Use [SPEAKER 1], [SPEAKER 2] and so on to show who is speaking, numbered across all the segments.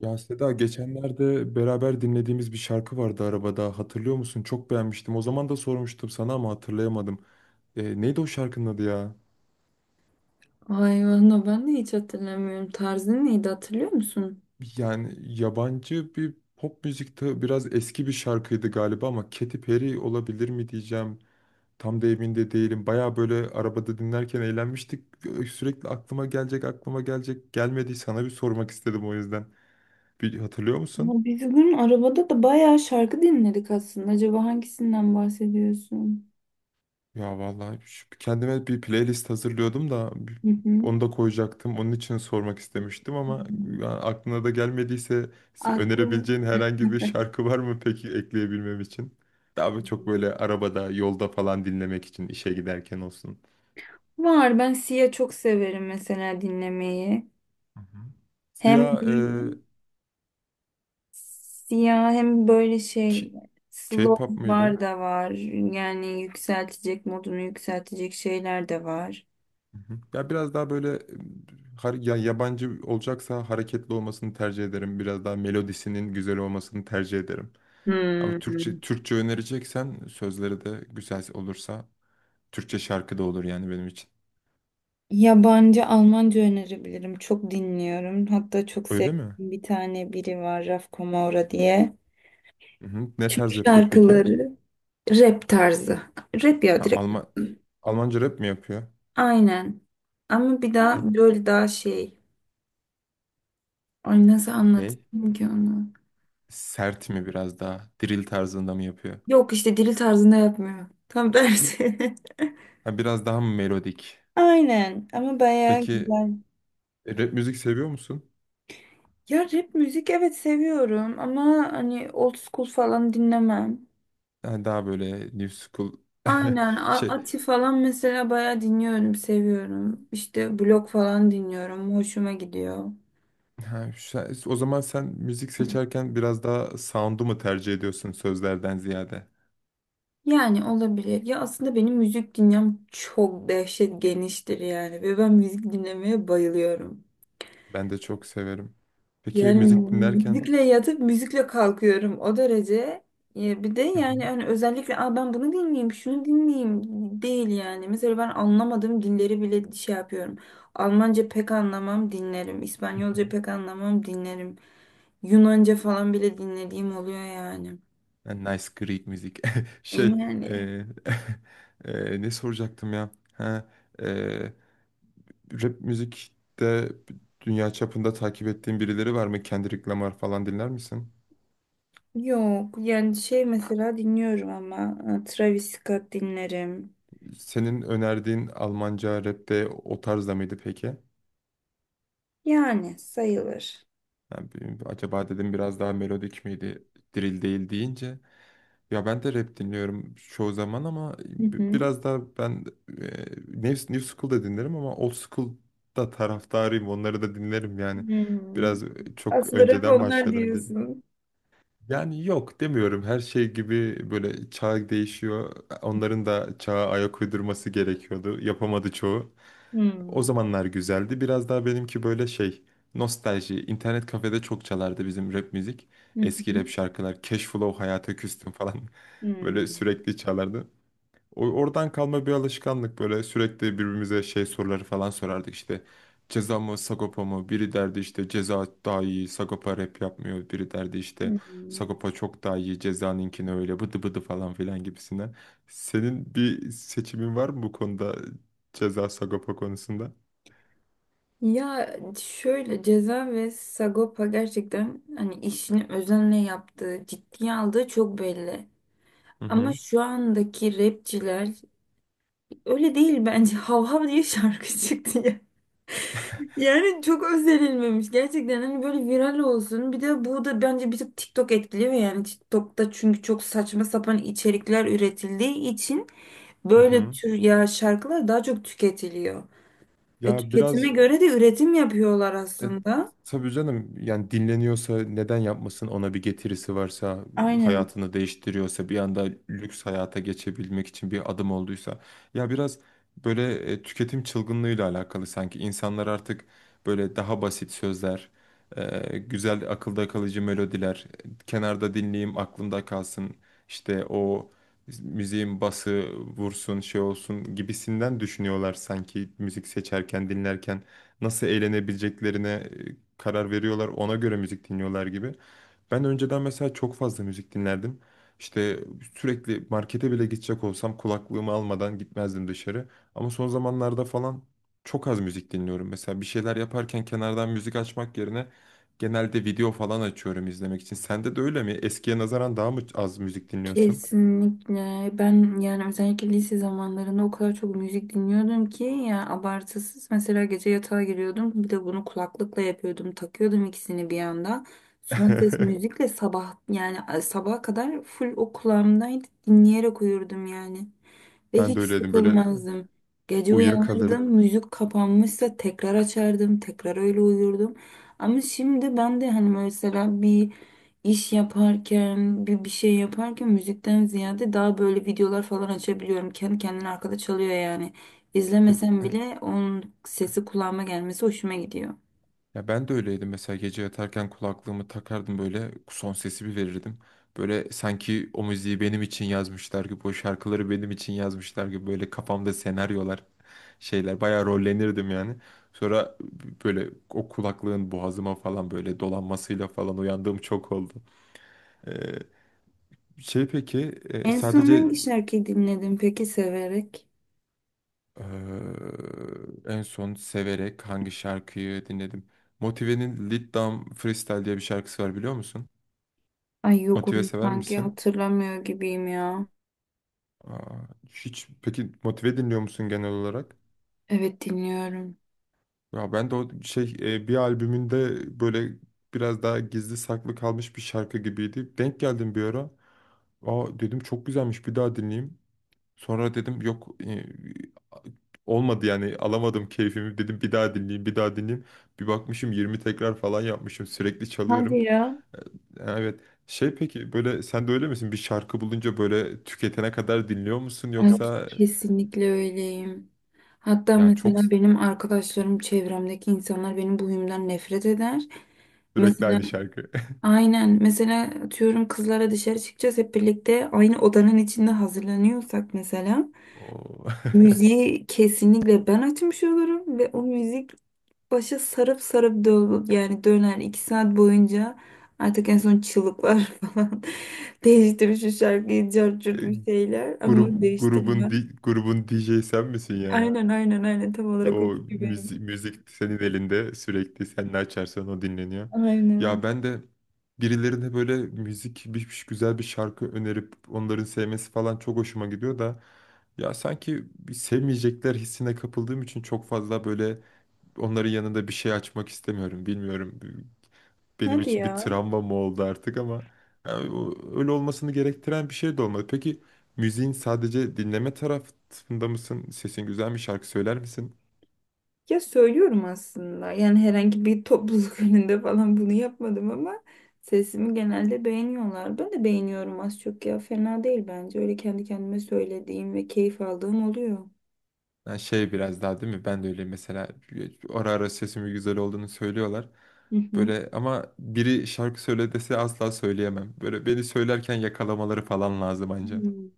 [SPEAKER 1] Ya Seda geçenlerde beraber dinlediğimiz bir şarkı vardı arabada, hatırlıyor musun? Çok beğenmiştim. O zaman da sormuştum sana ama hatırlayamadım. Neydi o şarkının adı ya?
[SPEAKER 2] Vay valla ben de hiç hatırlamıyorum. Tarzın neydi hatırlıyor musun?
[SPEAKER 1] Yani yabancı bir pop müzikte biraz eski bir şarkıydı galiba, ama Katy Perry olabilir mi diyeceğim. Tam da emin de değilim. Baya böyle arabada dinlerken eğlenmiştik. Sürekli aklıma gelecek aklıma gelecek gelmedi. Sana bir sormak istedim o yüzden. Bir hatırlıyor
[SPEAKER 2] Ya
[SPEAKER 1] musun?
[SPEAKER 2] biz bugün arabada da bayağı şarkı dinledik aslında. Acaba hangisinden bahsediyorsun?
[SPEAKER 1] Ya vallahi, kendime bir playlist hazırlıyordum da
[SPEAKER 2] Hı hı.
[SPEAKER 1] onu da koyacaktım. Onun için sormak istemiştim ama, ya aklına da gelmediyse,
[SPEAKER 2] Aklım
[SPEAKER 1] önerebileceğin herhangi bir şarkı var mı peki ekleyebilmem için? Daha çok böyle arabada, yolda falan dinlemek için, işe giderken olsun.
[SPEAKER 2] var. Ben Sia çok severim mesela dinlemeyi.
[SPEAKER 1] Hı hı.
[SPEAKER 2] Hem
[SPEAKER 1] Siyah
[SPEAKER 2] böyle Sia hem böyle şey
[SPEAKER 1] K-
[SPEAKER 2] slow
[SPEAKER 1] K-pop mıydı?
[SPEAKER 2] var da var. Yani yükseltecek modunu yükseltecek şeyler de var.
[SPEAKER 1] Hı hı. Ya biraz daha böyle ya yabancı olacaksa hareketli olmasını tercih ederim. Biraz daha melodisinin güzel olmasını tercih ederim. Ama Türkçe,
[SPEAKER 2] Hmm.
[SPEAKER 1] Türkçe önereceksen sözleri de güzel olursa Türkçe şarkı da olur yani benim için.
[SPEAKER 2] Yabancı Almanca önerebilirim. Çok dinliyorum. Hatta çok
[SPEAKER 1] Öyle mi?
[SPEAKER 2] sevdiğim bir tane biri var, Raf Kamora diye.
[SPEAKER 1] Hı hı. Ne
[SPEAKER 2] Türk
[SPEAKER 1] tarz yapıyor peki?
[SPEAKER 2] şarkıları rap tarzı. Rap ya,
[SPEAKER 1] Ha,
[SPEAKER 2] direkt.
[SPEAKER 1] Almanca rap mi yapıyor?
[SPEAKER 2] Aynen. Ama bir
[SPEAKER 1] E,
[SPEAKER 2] daha böyle daha şey. Ay, nasıl
[SPEAKER 1] Ne?
[SPEAKER 2] anlatayım ki onu?
[SPEAKER 1] Sert mi biraz daha? Drill tarzında mı yapıyor?
[SPEAKER 2] Yok işte dili tarzında yapmıyor. Tam tersi.
[SPEAKER 1] Ha, biraz daha mı melodik?
[SPEAKER 2] Aynen, ama bayağı
[SPEAKER 1] Peki
[SPEAKER 2] güzel.
[SPEAKER 1] rap müzik seviyor musun?
[SPEAKER 2] Ya rap müzik evet seviyorum ama hani old school falan dinlemem.
[SPEAKER 1] Ha, daha böyle new school
[SPEAKER 2] Aynen,
[SPEAKER 1] şey.
[SPEAKER 2] Ati falan mesela bayağı dinliyorum, seviyorum. İşte blok falan dinliyorum, hoşuma gidiyor.
[SPEAKER 1] Ha, o zaman sen müzik seçerken biraz daha sound'u mu tercih ediyorsun sözlerden ziyade?
[SPEAKER 2] Yani olabilir. Ya aslında benim müzik dinlem çok dehşet geniştir yani, ve ben müzik dinlemeye bayılıyorum.
[SPEAKER 1] Ben de çok severim. Peki
[SPEAKER 2] Yani
[SPEAKER 1] müzik dinlerken.
[SPEAKER 2] müzikle yatıp müzikle kalkıyorum o derece. Ya bir de
[SPEAKER 1] Hı
[SPEAKER 2] yani
[SPEAKER 1] hı,
[SPEAKER 2] hani özellikle, aa, ben bunu dinleyeyim, şunu dinleyeyim değil yani. Mesela ben anlamadığım dilleri bile şey yapıyorum. Almanca pek anlamam, dinlerim.
[SPEAKER 1] hı hı.
[SPEAKER 2] İspanyolca pek anlamam, dinlerim. Yunanca falan bile dinlediğim oluyor yani.
[SPEAKER 1] Yani nice Greek müzik. Şey, e,
[SPEAKER 2] Yani
[SPEAKER 1] ne soracaktım ya? Ha, e, rap müzikte dünya çapında takip ettiğin birileri var mı? Kendrick Lamar falan dinler misin?
[SPEAKER 2] yok yani şey mesela dinliyorum, ama Travis Scott dinlerim.
[SPEAKER 1] Senin önerdiğin Almanca rapte o tarzda mıydı peki?
[SPEAKER 2] Yani sayılır.
[SPEAKER 1] Yani, acaba dedim biraz daha melodik miydi? Drill değil deyince, ya ben de rap dinliyorum çoğu zaman, ama
[SPEAKER 2] Hı hı.
[SPEAKER 1] biraz daha ben New School'da dinlerim, ama Old School'da taraftarıyım. Onları da dinlerim yani.
[SPEAKER 2] Hmm.
[SPEAKER 1] Biraz çok
[SPEAKER 2] Aslında rap
[SPEAKER 1] önceden
[SPEAKER 2] onlar
[SPEAKER 1] başladım.
[SPEAKER 2] diyorsun.
[SPEAKER 1] Yani yok demiyorum, her şey gibi böyle çağ değişiyor. Onların da çağa ayak uydurması gerekiyordu. Yapamadı çoğu. O
[SPEAKER 2] Hmm.
[SPEAKER 1] zamanlar güzeldi. Biraz daha benimki böyle şey, nostalji. İnternet kafede çok çalardı bizim rap müzik.
[SPEAKER 2] Hı
[SPEAKER 1] Eski rap
[SPEAKER 2] hı.
[SPEAKER 1] şarkılar. Cashflow, Hayata Küstüm falan böyle
[SPEAKER 2] Hmm.
[SPEAKER 1] sürekli çalardı. Oradan kalma bir alışkanlık, böyle sürekli birbirimize şey soruları falan sorardık işte. Ceza mı Sagopa mı, biri derdi işte ceza daha iyi, Sagopa rap yapmıyor, biri derdi
[SPEAKER 2] Hı
[SPEAKER 1] işte
[SPEAKER 2] hı.
[SPEAKER 1] Sagopa çok daha iyi, cezanınkini öyle bıdı bıdı falan filan gibisinden. Senin bir seçimin var mı bu konuda, ceza Sagopa konusunda?
[SPEAKER 2] Ya şöyle, Ceza ve Sagopa gerçekten hani işini özenle yaptığı, ciddiye aldığı çok belli.
[SPEAKER 1] Hı
[SPEAKER 2] Ama
[SPEAKER 1] hı.
[SPEAKER 2] şu andaki rapçiler öyle değil bence. Hav hav diye şarkı çıktı ya. Yani çok özerilmemiş. Gerçekten hani böyle viral olsun. Bir de bu da bence bir tık TikTok etkiliyor yani. TikTok'ta çünkü çok saçma sapan içerikler üretildiği için
[SPEAKER 1] Hı
[SPEAKER 2] böyle
[SPEAKER 1] hı.
[SPEAKER 2] tür ya şarkılar daha çok tüketiliyor.
[SPEAKER 1] Ya
[SPEAKER 2] Tüketime
[SPEAKER 1] biraz.
[SPEAKER 2] göre de üretim yapıyorlar
[SPEAKER 1] E,
[SPEAKER 2] aslında.
[SPEAKER 1] tabii canım, yani dinleniyorsa neden yapmasın, ona bir getirisi varsa,
[SPEAKER 2] Aynen.
[SPEAKER 1] hayatını değiştiriyorsa, bir anda lüks hayata geçebilmek için bir adım olduysa. Ya biraz böyle tüketim çılgınlığıyla alakalı sanki insanlar artık böyle daha basit sözler, güzel akılda kalıcı melodiler, kenarda dinleyeyim aklımda kalsın işte o müziğin bası vursun şey olsun gibisinden düşünüyorlar, sanki müzik seçerken dinlerken nasıl eğlenebileceklerine karar veriyorlar. Ona göre müzik dinliyorlar gibi. Ben önceden mesela çok fazla müzik dinlerdim. İşte sürekli markete bile gidecek olsam kulaklığımı almadan gitmezdim dışarı. Ama son zamanlarda falan çok az müzik dinliyorum. Mesela bir şeyler yaparken kenardan müzik açmak yerine genelde video falan açıyorum izlemek için. Sende de öyle mi? Eskiye nazaran daha mı az müzik dinliyorsun?
[SPEAKER 2] Kesinlikle. Ben yani özellikle lise zamanlarında o kadar çok müzik dinliyordum ki ya, abartısız. Mesela gece yatağa giriyordum. Bir de bunu kulaklıkla yapıyordum. Takıyordum ikisini bir anda. Son ses müzikle sabah, yani sabaha kadar full o kulağımdaydı. Dinleyerek uyurdum yani. Ve
[SPEAKER 1] Ben de
[SPEAKER 2] hiç
[SPEAKER 1] öyleydim böyle,
[SPEAKER 2] sıkılmazdım. Gece uyanırdım,
[SPEAKER 1] uyuyakalır.
[SPEAKER 2] müzik kapanmışsa tekrar açardım, tekrar öyle uyurdum. Ama şimdi ben de hani mesela bir iş yaparken, bir şey yaparken müzikten ziyade daha böyle videolar falan açabiliyorum. Kendi kendine arkada çalıyor yani. İzlemesem bile onun sesi kulağıma gelmesi hoşuma gidiyor.
[SPEAKER 1] Ya ben de öyleydim, mesela gece yatarken kulaklığımı takardım, böyle son sesi bir verirdim. Böyle sanki o müziği benim için yazmışlar gibi, o şarkıları benim için yazmışlar gibi, böyle kafamda senaryolar, şeyler, bayağı rollenirdim yani. Sonra böyle o kulaklığın boğazıma falan böyle dolanmasıyla falan uyandığım çok oldu. Ee, Şey peki
[SPEAKER 2] En son
[SPEAKER 1] sadece
[SPEAKER 2] hangi şarkıyı dinledin peki, severek?
[SPEAKER 1] e, en son severek hangi şarkıyı dinledim? Motive'nin Lead Down Freestyle diye bir şarkısı var, biliyor musun?
[SPEAKER 2] Ay yok,
[SPEAKER 1] Motive
[SPEAKER 2] onu
[SPEAKER 1] sever
[SPEAKER 2] sanki
[SPEAKER 1] misin?
[SPEAKER 2] hatırlamıyor gibiyim ya.
[SPEAKER 1] Aa, hiç peki motive dinliyor musun genel olarak?
[SPEAKER 2] Evet dinliyorum.
[SPEAKER 1] Ya ben de o şey bir albümünde böyle biraz daha gizli saklı kalmış bir şarkı gibiydi. Denk geldim bir ara. Aa, dedim çok güzelmiş, bir daha dinleyeyim. Sonra dedim yok, olmadı yani, alamadım keyfimi, dedim bir daha dinleyeyim, bir daha dinleyeyim. Bir bakmışım 20 tekrar falan yapmışım, sürekli çalıyorum.
[SPEAKER 2] Hadi ya.
[SPEAKER 1] E, Evet. Şey peki böyle sen de öyle misin? Bir şarkı bulunca böyle tüketene kadar dinliyor musun
[SPEAKER 2] Ay,
[SPEAKER 1] yoksa?
[SPEAKER 2] kesinlikle öyleyim. Hatta
[SPEAKER 1] Ya çok,
[SPEAKER 2] mesela benim arkadaşlarım, çevremdeki insanlar benim bu huyumdan nefret eder.
[SPEAKER 1] sürekli
[SPEAKER 2] Mesela
[SPEAKER 1] aynı şarkı.
[SPEAKER 2] aynen, mesela atıyorum kızlara dışarı çıkacağız, hep birlikte aynı odanın içinde hazırlanıyorsak mesela
[SPEAKER 1] O
[SPEAKER 2] müziği kesinlikle ben açmış olurum, ve o müzik başa sarıp sarıp dö yani döner iki saat boyunca, artık en son çığlıklar falan değiştirir şu şarkıyı cart
[SPEAKER 1] E,
[SPEAKER 2] curt bir şeyler,
[SPEAKER 1] grup
[SPEAKER 2] ama
[SPEAKER 1] grubun
[SPEAKER 2] değiştirmem.
[SPEAKER 1] di- grubun DJ sen misin yani?
[SPEAKER 2] Aynen, aynen, aynen, tam olarak o
[SPEAKER 1] O
[SPEAKER 2] kişi
[SPEAKER 1] müzik,
[SPEAKER 2] benim.
[SPEAKER 1] müzik senin elinde, sürekli sen ne açarsan o dinleniyor.
[SPEAKER 2] Aynen.
[SPEAKER 1] Ya ben de birilerine böyle müzik, güzel bir şarkı önerip onların sevmesi falan çok hoşuma gidiyor da, ya sanki bir sevmeyecekler hissine kapıldığım için çok fazla böyle onların yanında bir şey açmak istemiyorum. Bilmiyorum, benim
[SPEAKER 2] Hadi
[SPEAKER 1] için bir
[SPEAKER 2] ya.
[SPEAKER 1] travma mı oldu artık, ama yani öyle olmasını gerektiren bir şey de olmadı. Peki müziğin sadece dinleme tarafında mısın? Sesin güzel mi? Şarkı söyler misin?
[SPEAKER 2] Ya söylüyorum aslında. Yani herhangi bir topluluk önünde falan bunu yapmadım, ama sesimi genelde beğeniyorlar. Ben de beğeniyorum az çok ya. Fena değil bence. Öyle kendi kendime söylediğim ve keyif aldığım oluyor.
[SPEAKER 1] Yani şey biraz daha, değil mi? Ben de öyle mesela, ara ara sesimin güzel olduğunu söylüyorlar.
[SPEAKER 2] Hı hı.
[SPEAKER 1] Böyle, ama biri şarkı söyle dese asla söyleyemem. Böyle beni söylerken yakalamaları falan lazım anca.
[SPEAKER 2] Hmm.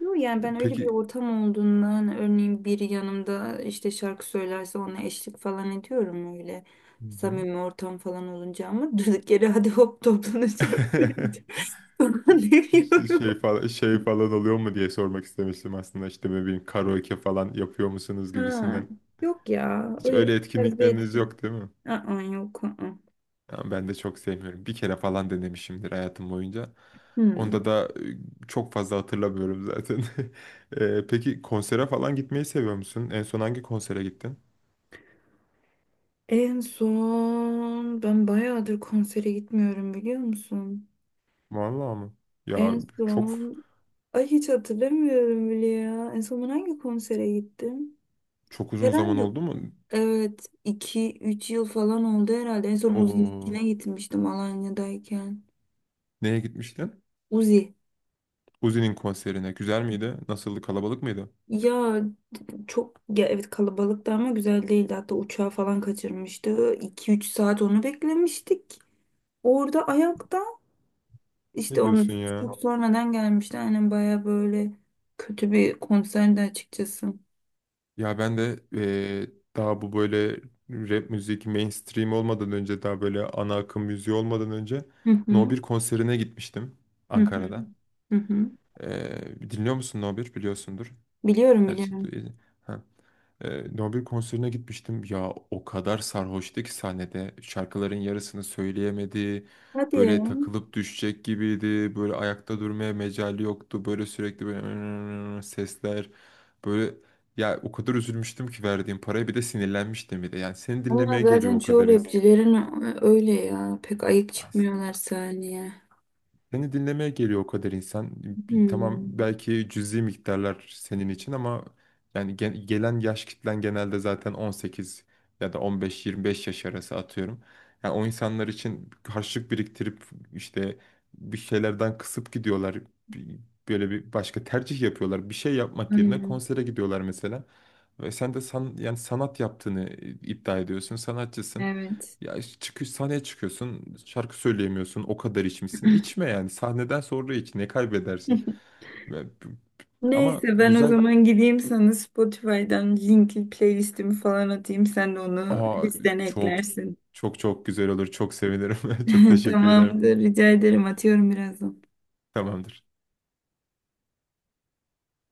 [SPEAKER 2] Yok yani ben öyle bir
[SPEAKER 1] Peki.
[SPEAKER 2] ortam olduğundan, örneğin biri yanımda işte şarkı söylerse ona eşlik falan ediyorum, öyle
[SPEAKER 1] Hı hı.
[SPEAKER 2] samimi ortam falan olunca. Ama durduk yere hadi hop toplanın şarkı söyleyeceğim falan demiyorum.
[SPEAKER 1] Şey falan, şey falan oluyor mu diye sormak istemiştim aslında, işte ne bileyim, karaoke falan yapıyor musunuz
[SPEAKER 2] Ha,
[SPEAKER 1] gibisinden.
[SPEAKER 2] yok ya
[SPEAKER 1] Hiç
[SPEAKER 2] öyle
[SPEAKER 1] öyle
[SPEAKER 2] tarz bir
[SPEAKER 1] etkinlikleriniz
[SPEAKER 2] etki.
[SPEAKER 1] yok değil mi?
[SPEAKER 2] Aa, yok. Aa.
[SPEAKER 1] Ya ben de çok sevmiyorum. Bir kere falan denemişimdir hayatım boyunca.
[SPEAKER 2] Hmm.
[SPEAKER 1] Onda da çok fazla hatırlamıyorum zaten. Peki konsere falan gitmeyi seviyor musun? En son hangi konsere gittin?
[SPEAKER 2] En son ben bayağıdır konsere gitmiyorum, biliyor musun?
[SPEAKER 1] Vallahi mı? Ya
[SPEAKER 2] En
[SPEAKER 1] çok,
[SPEAKER 2] son, ay hiç hatırlamıyorum bile ya. En son ben hangi konsere gittim?
[SPEAKER 1] çok uzun zaman
[SPEAKER 2] Herhalde
[SPEAKER 1] oldu mu?
[SPEAKER 2] evet, iki üç yıl falan oldu herhalde. En son
[SPEAKER 1] Oo,
[SPEAKER 2] Uzi'ninkine gitmiştim Alanya'dayken.
[SPEAKER 1] neye gitmiştin?
[SPEAKER 2] Uzi.
[SPEAKER 1] Uzi'nin konserine. Güzel miydi? Nasıldı? Kalabalık mıydı?
[SPEAKER 2] Ya çok ya, evet kalabalıktı ama güzel değildi. Hatta uçağı falan kaçırmıştı. 2 üç saat onu beklemiştik. Orada ayakta işte
[SPEAKER 1] Ne
[SPEAKER 2] onu
[SPEAKER 1] diyorsun ya?
[SPEAKER 2] çok sonradan gelmişti. Aynen, baya böyle kötü bir konserdi açıkçası.
[SPEAKER 1] Ya ben de daha bu böyle rap müzik mainstream olmadan önce, daha böyle ana akım müziği olmadan önce,
[SPEAKER 2] Hı
[SPEAKER 1] No
[SPEAKER 2] hı.
[SPEAKER 1] 1 konserine gitmiştim
[SPEAKER 2] Hı hı.
[SPEAKER 1] Ankara'da.
[SPEAKER 2] Hı hı.
[SPEAKER 1] Dinliyor musun, No 1 biliyorsundur.
[SPEAKER 2] Biliyorum,
[SPEAKER 1] Gerçi du-
[SPEAKER 2] biliyorum.
[SPEAKER 1] e, ha. Nobel konserine gitmiştim. Ya o kadar sarhoştu ki sahnede. Şarkıların yarısını söyleyemedi.
[SPEAKER 2] Hadi ya.
[SPEAKER 1] Böyle takılıp düşecek gibiydi. Böyle ayakta durmaya mecali yoktu. Böyle sürekli böyle sesler. Böyle ya o kadar üzülmüştüm ki verdiğim paraya, bir de sinirlenmiştim bir de. Yani seni
[SPEAKER 2] Ama
[SPEAKER 1] dinlemeye geliyor
[SPEAKER 2] zaten
[SPEAKER 1] o
[SPEAKER 2] çoğu
[SPEAKER 1] kadar insan.
[SPEAKER 2] rapçilerin öyle ya. Pek ayık çıkmıyorlar sahneye.
[SPEAKER 1] Seni dinlemeye geliyor o kadar insan. Tamam
[SPEAKER 2] Hmm,
[SPEAKER 1] belki cüzi miktarlar senin için, ama yani gelen yaş kitlen genelde zaten 18 ya da 15-25 yaş arası atıyorum. Yani o insanlar için harçlık biriktirip işte bir şeylerden kısıp gidiyorlar. Bir- Böyle bir başka tercih yapıyorlar. Bir şey yapmak yerine
[SPEAKER 2] aynen.
[SPEAKER 1] konsere gidiyorlar mesela. Ve sen de yani sanat yaptığını iddia ediyorsun, sanatçısın.
[SPEAKER 2] Evet.
[SPEAKER 1] Ya çıkış sahneye çıkıyorsun, şarkı söyleyemiyorsun, o kadar içmişsin. İçme yani. Sahneden sonra iç, ne kaybedersin? Ve- Ama
[SPEAKER 2] Neyse, ben o
[SPEAKER 1] güzel,
[SPEAKER 2] zaman gideyim sana Spotify'dan linkli playlistimi falan atayım. Sen de onu
[SPEAKER 1] aa,
[SPEAKER 2] listene
[SPEAKER 1] çok
[SPEAKER 2] eklersin.
[SPEAKER 1] çok çok güzel olur. Çok sevinirim. Çok teşekkür ederim.
[SPEAKER 2] Tamamdır. Rica ederim. Atıyorum birazdan.
[SPEAKER 1] Tamamdır.